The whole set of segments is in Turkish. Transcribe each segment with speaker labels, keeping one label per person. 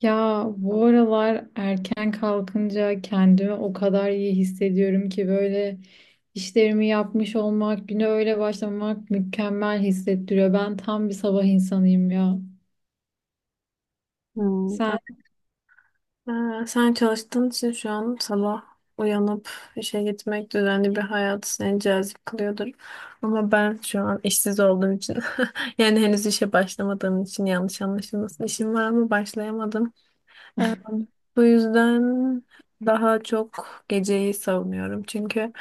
Speaker 1: Ya bu aralar erken kalkınca kendimi o kadar iyi hissediyorum ki böyle işlerimi yapmış olmak, güne öyle başlamak mükemmel hissettiriyor. Ben tam bir sabah insanıyım ya.
Speaker 2: Hmm.
Speaker 1: Sen.
Speaker 2: Sen çalıştığın için şu an sabah uyanıp işe gitmek düzenli bir hayat seni cazip kılıyordur. Ama ben şu an işsiz olduğum için yani henüz işe başlamadığım için yanlış anlaşılmasın. İşim var ama başlayamadım. Bu yüzden daha çok geceyi savunuyorum. Çünkü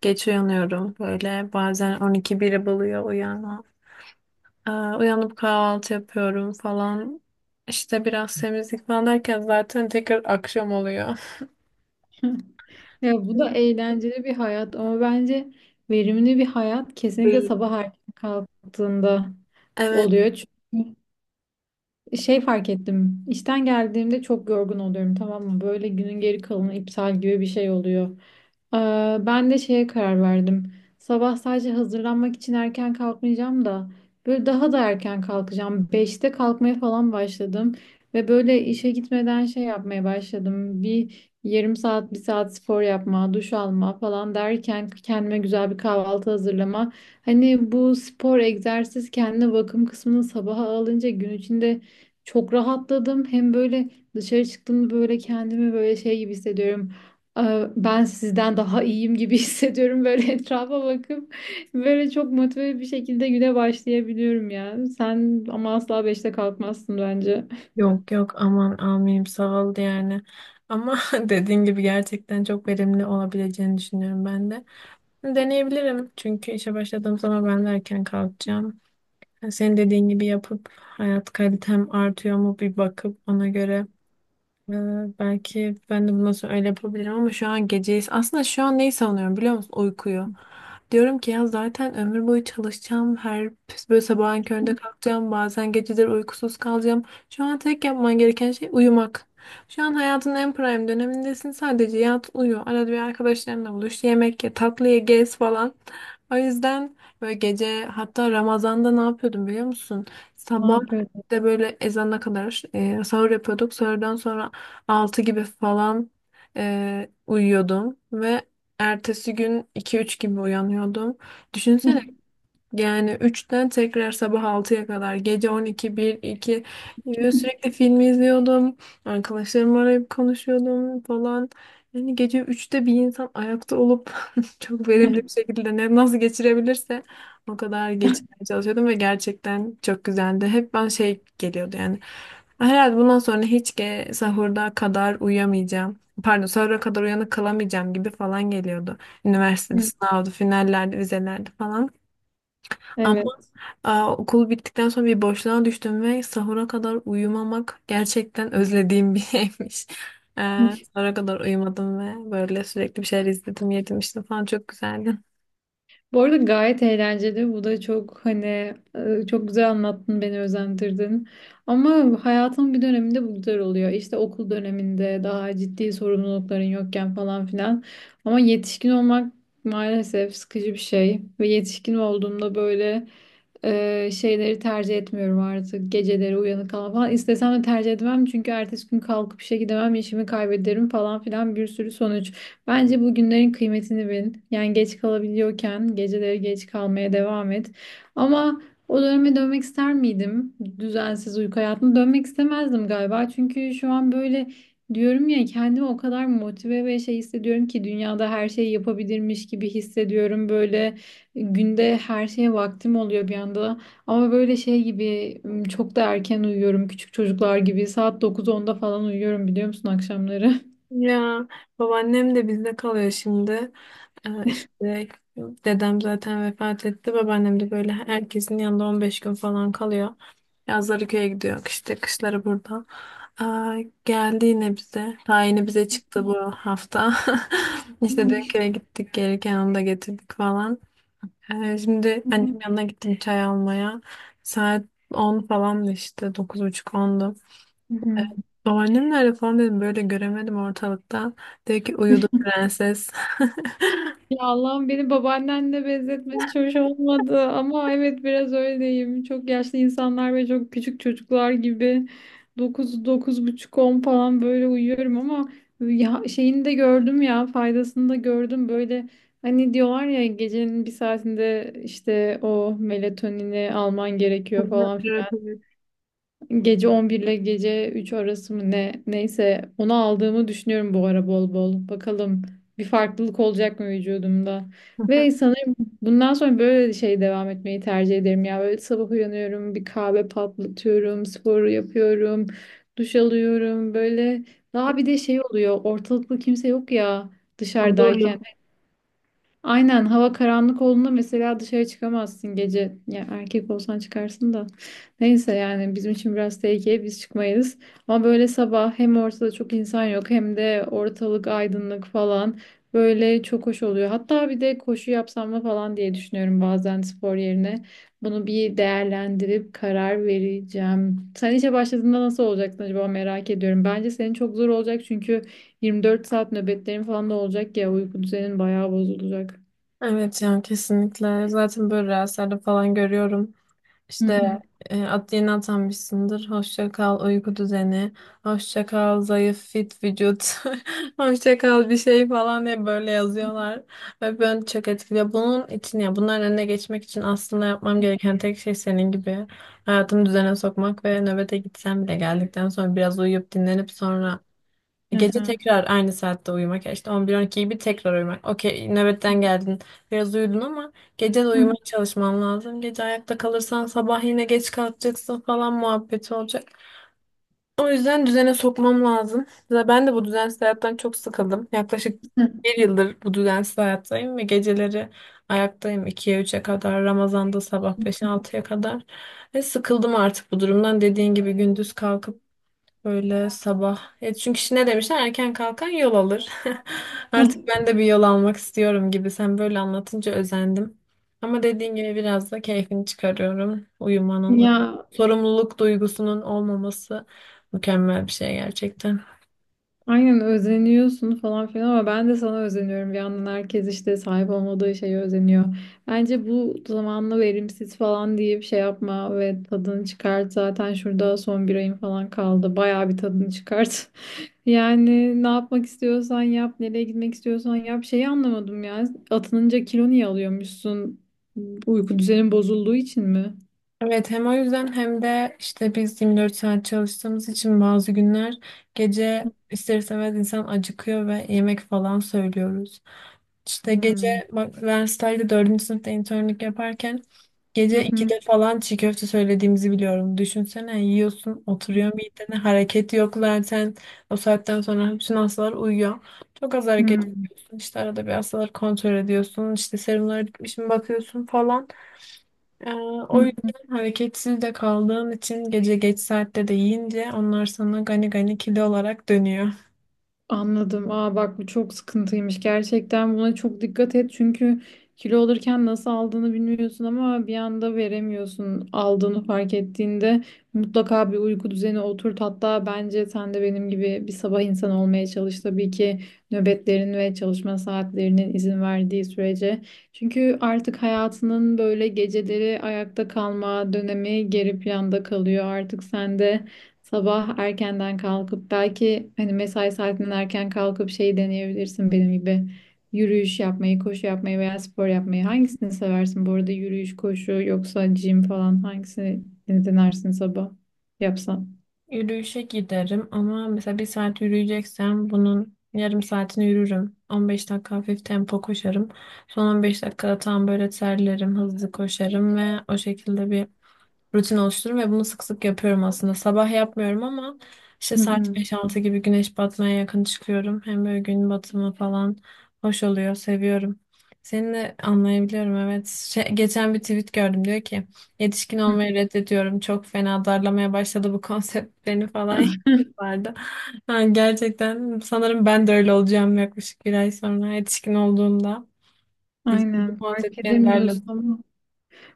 Speaker 2: geç uyanıyorum, böyle bazen 12 biri buluyor uyanma. Uyanıp kahvaltı yapıyorum falan. İşte biraz temizlik falan derken zaten tekrar akşam oluyor.
Speaker 1: Ya bu da eğlenceli bir hayat ama bence verimli bir hayat kesinlikle sabah erken kalktığında
Speaker 2: Evet.
Speaker 1: oluyor. Çünkü şey fark ettim. İşten geldiğimde çok yorgun oluyorum, tamam mı? Böyle günün geri kalanı iptal gibi bir şey oluyor. Ee, Ben de şeye karar verdim. Sabah sadece hazırlanmak için erken kalkmayacağım da böyle daha da erken kalkacağım. Beşte kalkmaya falan başladım ve böyle işe gitmeden şey yapmaya başladım. Bir yarım saat, bir saat spor yapma, duş alma falan derken kendime güzel bir kahvaltı hazırlama. Hani bu spor, egzersiz, kendine bakım kısmını sabaha alınca gün içinde çok rahatladım. Hem böyle dışarı çıktığımda böyle kendimi böyle şey gibi hissediyorum. Ben sizden daha iyiyim gibi hissediyorum, böyle etrafa bakıp böyle çok motive bir şekilde güne başlayabiliyorum ya. Sen ama asla beşte kalkmazsın bence.
Speaker 2: Yok yok, aman amirim, sağ ol yani. Ama dediğin gibi gerçekten çok verimli olabileceğini düşünüyorum ben de. Deneyebilirim, çünkü işe başladığım zaman ben de erken kalkacağım. Yani senin dediğin gibi yapıp hayat kalitem artıyor mu bir bakıp ona göre. Ee, Belki ben de bundan sonra öyle yapabilirim, ama şu an geceyiz. Aslında şu an neyi savunuyorum biliyor musun? Uykuyu. Diyorum ki ya zaten ömür boyu çalışacağım. Her böyle sabahın köründe kalkacağım. Bazen geceleri uykusuz kalacağım. Şu an tek yapman gereken şey uyumak. Şu an hayatın en prime dönemindesin. Sadece yat, uyu. Arada bir arkadaşlarınla buluş. Yemek ye, tatlı ye, gez falan. O yüzden böyle gece, hatta Ramazan'da ne yapıyordum biliyor musun?
Speaker 1: Ne
Speaker 2: Sabah
Speaker 1: yapıyorsun?
Speaker 2: de böyle ezana kadar sahur yapıyorduk. Sahurdan sonra altı gibi falan uyuyordum ve ertesi gün iki üç gibi uyanıyordum. Düşünsene, yani üçten tekrar sabah altıya kadar, gece on iki bir iki gibi sürekli film izliyordum. Arkadaşlarımı arayıp konuşuyordum falan. Yani gece üçte bir insan ayakta olup çok verimli bir şekilde ne nasıl geçirebilirse o kadar geçirmeye çalışıyordum ve gerçekten çok güzeldi. Hep ben şey geliyordu yani. Herhalde bundan sonra hiç sahurda kadar uyuyamayacağım. Pardon, sahura kadar uyanık kalamayacağım gibi falan geliyordu. Üniversitede sınavdı, finallerde, vizelerde falan.
Speaker 1: Evet.
Speaker 2: Aa, okul bittikten sonra bir boşluğa düştüm ve sahura kadar uyumamak gerçekten özlediğim bir şeymiş. Sahura kadar uyumadım ve böyle sürekli bir şeyler izledim, yedim işte falan, çok güzeldi.
Speaker 1: Bu arada gayet eğlenceli. Bu da çok hani çok güzel anlattın, beni özendirdin. Ama hayatın bir döneminde bu güzel oluyor. İşte okul döneminde daha ciddi sorumlulukların yokken falan filan. Ama yetişkin olmak maalesef sıkıcı bir şey. Ve yetişkin olduğumda böyle şeyleri tercih etmiyorum artık. Geceleri uyanık kalma falan. İstesem de tercih etmem. Çünkü ertesi gün kalkıp işe gidemem, işimi kaybederim falan filan, bir sürü sonuç. Bence bugünlerin kıymetini bil. Yani geç kalabiliyorken geceleri geç kalmaya devam et. Ama o döneme dönmek ister miydim? Düzensiz uyku hayatına dönmek istemezdim galiba. Çünkü şu an böyle diyorum ya, kendimi o kadar motive ve şey hissediyorum ki dünyada her şeyi yapabilirmiş gibi hissediyorum. Böyle günde her şeye vaktim oluyor bir anda. Ama böyle şey gibi çok da erken uyuyorum. Küçük çocuklar gibi saat 9-10'da falan uyuyorum, biliyor musun, akşamları?
Speaker 2: Ya, babaannem de bizde kalıyor şimdi. İşte dedem zaten vefat etti. Babaannem de böyle herkesin yanında 15 gün falan kalıyor. Yazları köye gidiyor, işte kışları burada. Aa, geldi yine bize. Tayini bize çıktı bu hafta. İşte dün köye gittik. Gelirken onu da getirdik falan. Şimdi annem yanına gittim çay almaya. Saat 10 falan işte. 9.30-10'du.
Speaker 1: Hı hı.
Speaker 2: Babaannem nerede falan dedim, böyle göremedim ortalıkta. Dedi ki uyudu prenses.
Speaker 1: Ya Allah'ım, beni babaannenle benzetmen hiç hoş olmadı ama evet, biraz öyleyim. Çok yaşlı insanlar ve çok küçük çocuklar gibi 9-9,5-10 falan böyle uyuyorum ama ya şeyini de gördüm ya, faydasını da gördüm. Böyle hani diyorlar ya, gecenin bir saatinde işte o melatonini alman
Speaker 2: Hı
Speaker 1: gerekiyor
Speaker 2: hı.
Speaker 1: falan.
Speaker 2: Evet, evet.
Speaker 1: Gece 11 ile gece 3 arası mı ne, neyse onu aldığımı düşünüyorum bu ara bol bol. Bakalım bir farklılık olacak mı vücudumda? Ve sanırım bundan sonra böyle şey devam etmeyi tercih ederim ya. Böyle sabah uyanıyorum, bir kahve patlatıyorum, sporu yapıyorum, duş alıyorum. Böyle daha bir de şey oluyor. Ortalıkta kimse yok ya dışarıdayken.
Speaker 2: Huzurlu.
Speaker 1: Aynen, hava karanlık olduğunda mesela dışarı çıkamazsın gece. Ya erkek olsan çıkarsın da. Neyse, yani bizim için biraz tehlikeli, biz çıkmayız. Ama böyle sabah hem ortada çok insan yok hem de ortalık aydınlık falan. Böyle çok hoş oluyor. Hatta bir de koşu yapsam mı falan diye düşünüyorum bazen, spor yerine. Bunu bir değerlendirip karar vereceğim. Sen işe başladığında nasıl olacaksın acaba, merak ediyorum. Bence senin çok zor olacak çünkü 24 saat nöbetlerin falan da olacak ya, uyku düzenin bayağı bozulacak.
Speaker 2: Evet yani kesinlikle. Zaten böyle rüyalarda falan görüyorum.
Speaker 1: Hı hı.
Speaker 2: İşte at yeni atanmışsındır. Hoşça kal uyku düzeni. Hoşça kal zayıf fit vücut. Hoşça kal bir şey falan diye böyle yazıyorlar. Ve beni çok etkiliyor. Bunun için, ya bunların önüne geçmek için aslında yapmam gereken tek şey senin gibi hayatımı düzene sokmak ve nöbete gitsem bile geldikten sonra biraz uyuyup dinlenip sonra
Speaker 1: Hı
Speaker 2: gece
Speaker 1: hı.
Speaker 2: tekrar aynı saatte uyumak. Ya işte 11-12 gibi tekrar uyumak. Okey, nöbetten geldin. Biraz uyudun, ama gece de
Speaker 1: Hı
Speaker 2: uyumaya çalışman lazım. Gece ayakta kalırsan sabah yine geç kalkacaksın falan muhabbeti olacak. O yüzden düzene sokmam lazım. Ve ben de bu düzensiz hayattan çok sıkıldım. Yaklaşık
Speaker 1: hı.
Speaker 2: bir yıldır bu düzensiz hayattayım ve geceleri ayaktayım 2'ye 3'e kadar. Ramazan'da sabah 5'e 6'ya kadar. Ve sıkıldım artık bu durumdan. Dediğin gibi gündüz kalkıp böyle sabah. E çünkü işte ne demişler? Erken kalkan yol alır. Artık
Speaker 1: Ah.
Speaker 2: ben de bir yol almak istiyorum gibi. Sen böyle anlatınca özendim. Ama dediğin gibi biraz da keyfini çıkarıyorum. Uyumanın,
Speaker 1: Ya
Speaker 2: sorumluluk duygusunun olmaması mükemmel bir şey gerçekten.
Speaker 1: aynen, özeniyorsun falan filan ama ben de sana özeniyorum. Bir yandan herkes işte sahip olmadığı şeye özeniyor. Bence bu zamanla verimsiz falan deyip şey yapma ve tadını çıkart. Zaten şurada son bir ayın falan kaldı. Bayağı bir tadını çıkart. Yani ne yapmak istiyorsan yap, nereye gitmek istiyorsan yap. Şeyi anlamadım ya. Atınınca kilo niye alıyormuşsun? Uyku düzenin bozulduğu için mi?
Speaker 2: Evet, hem o yüzden hem de işte biz 24 saat çalıştığımız için bazı günler gece ister istemez insan acıkıyor ve yemek falan söylüyoruz. İşte gece,
Speaker 1: Hmm.
Speaker 2: bak üniversitede dördüncü sınıfta internlik yaparken
Speaker 1: Hı
Speaker 2: gece
Speaker 1: hı.
Speaker 2: 2'de falan çiğ köfte söylediğimizi biliyorum. Düşünsene, yiyorsun, oturuyor midene, hareket yok zaten o saatten sonra bütün hastalar uyuyor. Çok az hareket yapıyorsun, işte arada bir hastaları kontrol ediyorsun, işte serumlara gitmiş mi bakıyorsun falan. Ee, O
Speaker 1: Hmm.
Speaker 2: yüzden hareketsiz de kaldığın için gece geç saatte de yiyince onlar sana gani gani kilo olarak dönüyor.
Speaker 1: Anladım. Aa bak, bu çok sıkıntıymış. Gerçekten buna çok dikkat et. Çünkü kilo alırken nasıl aldığını bilmiyorsun ama bir anda veremiyorsun. Aldığını fark ettiğinde mutlaka bir uyku düzeni oturt. Hatta bence sen de benim gibi bir sabah insanı olmaya çalış. Tabii ki nöbetlerin ve çalışma saatlerinin izin verdiği sürece. Çünkü artık hayatının böyle geceleri ayakta kalma dönemi geri planda kalıyor. Artık sen de sabah erkenden kalkıp belki hani mesai saatinden erken kalkıp şey deneyebilirsin, benim gibi. Yürüyüş yapmayı, koşu yapmayı veya spor yapmayı. Hangisini seversin bu arada? Yürüyüş, koşu yoksa gym falan, hangisini denersin sabah yapsan?
Speaker 2: Yürüyüşe giderim ama mesela bir saat yürüyeceksem bunun yarım saatini yürürüm. 15 dakika hafif tempo koşarım. Son 15 dakikada tam böyle terlerim, hızlı koşarım ve o şekilde bir rutin oluştururum ve bunu sık sık yapıyorum aslında. Sabah yapmıyorum ama işte
Speaker 1: Hı
Speaker 2: saat
Speaker 1: hı.
Speaker 2: beş altı gibi güneş batmaya yakın çıkıyorum. Hem böyle gün batımı falan hoş oluyor, seviyorum. Seni de anlayabiliyorum, evet. Şey, geçen bir tweet gördüm, diyor ki yetişkin olmayı reddediyorum. Çok fena darlamaya başladı bu konsept beni falan vardı. Ha, gerçekten sanırım ben de öyle olacağım yaklaşık bir ay sonra yetişkin olduğumda. Bu
Speaker 1: Aynen,
Speaker 2: konsept
Speaker 1: fark
Speaker 2: beni darladı.
Speaker 1: edemiyorsun.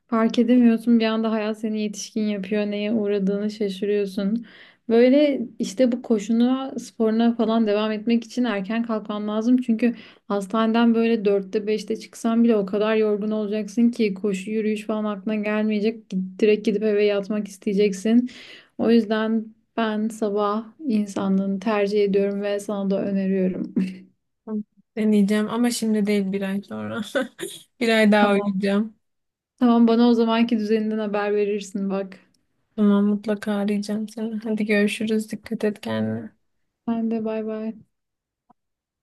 Speaker 1: Fark edemiyorsun, bir anda hayat seni yetişkin yapıyor, neye uğradığını şaşırıyorsun. Böyle işte bu koşuna sporuna falan devam etmek için erken kalkman lazım. Çünkü hastaneden böyle dörtte beşte çıksan bile o kadar yorgun olacaksın ki koşu yürüyüş falan aklına gelmeyecek. Direkt gidip eve yatmak isteyeceksin. O yüzden ben sabah insanlığını tercih ediyorum ve sana da öneriyorum.
Speaker 2: Tamam. Deneyeceğim ama şimdi değil, bir ay sonra. Bir ay daha
Speaker 1: Tamam.
Speaker 2: uyuyacağım.
Speaker 1: Tamam, bana o zamanki düzeninden haber verirsin bak.
Speaker 2: Tamam, mutlaka arayacağım seni. Hadi görüşürüz. Dikkat et kendine.
Speaker 1: Ben de, bay bay.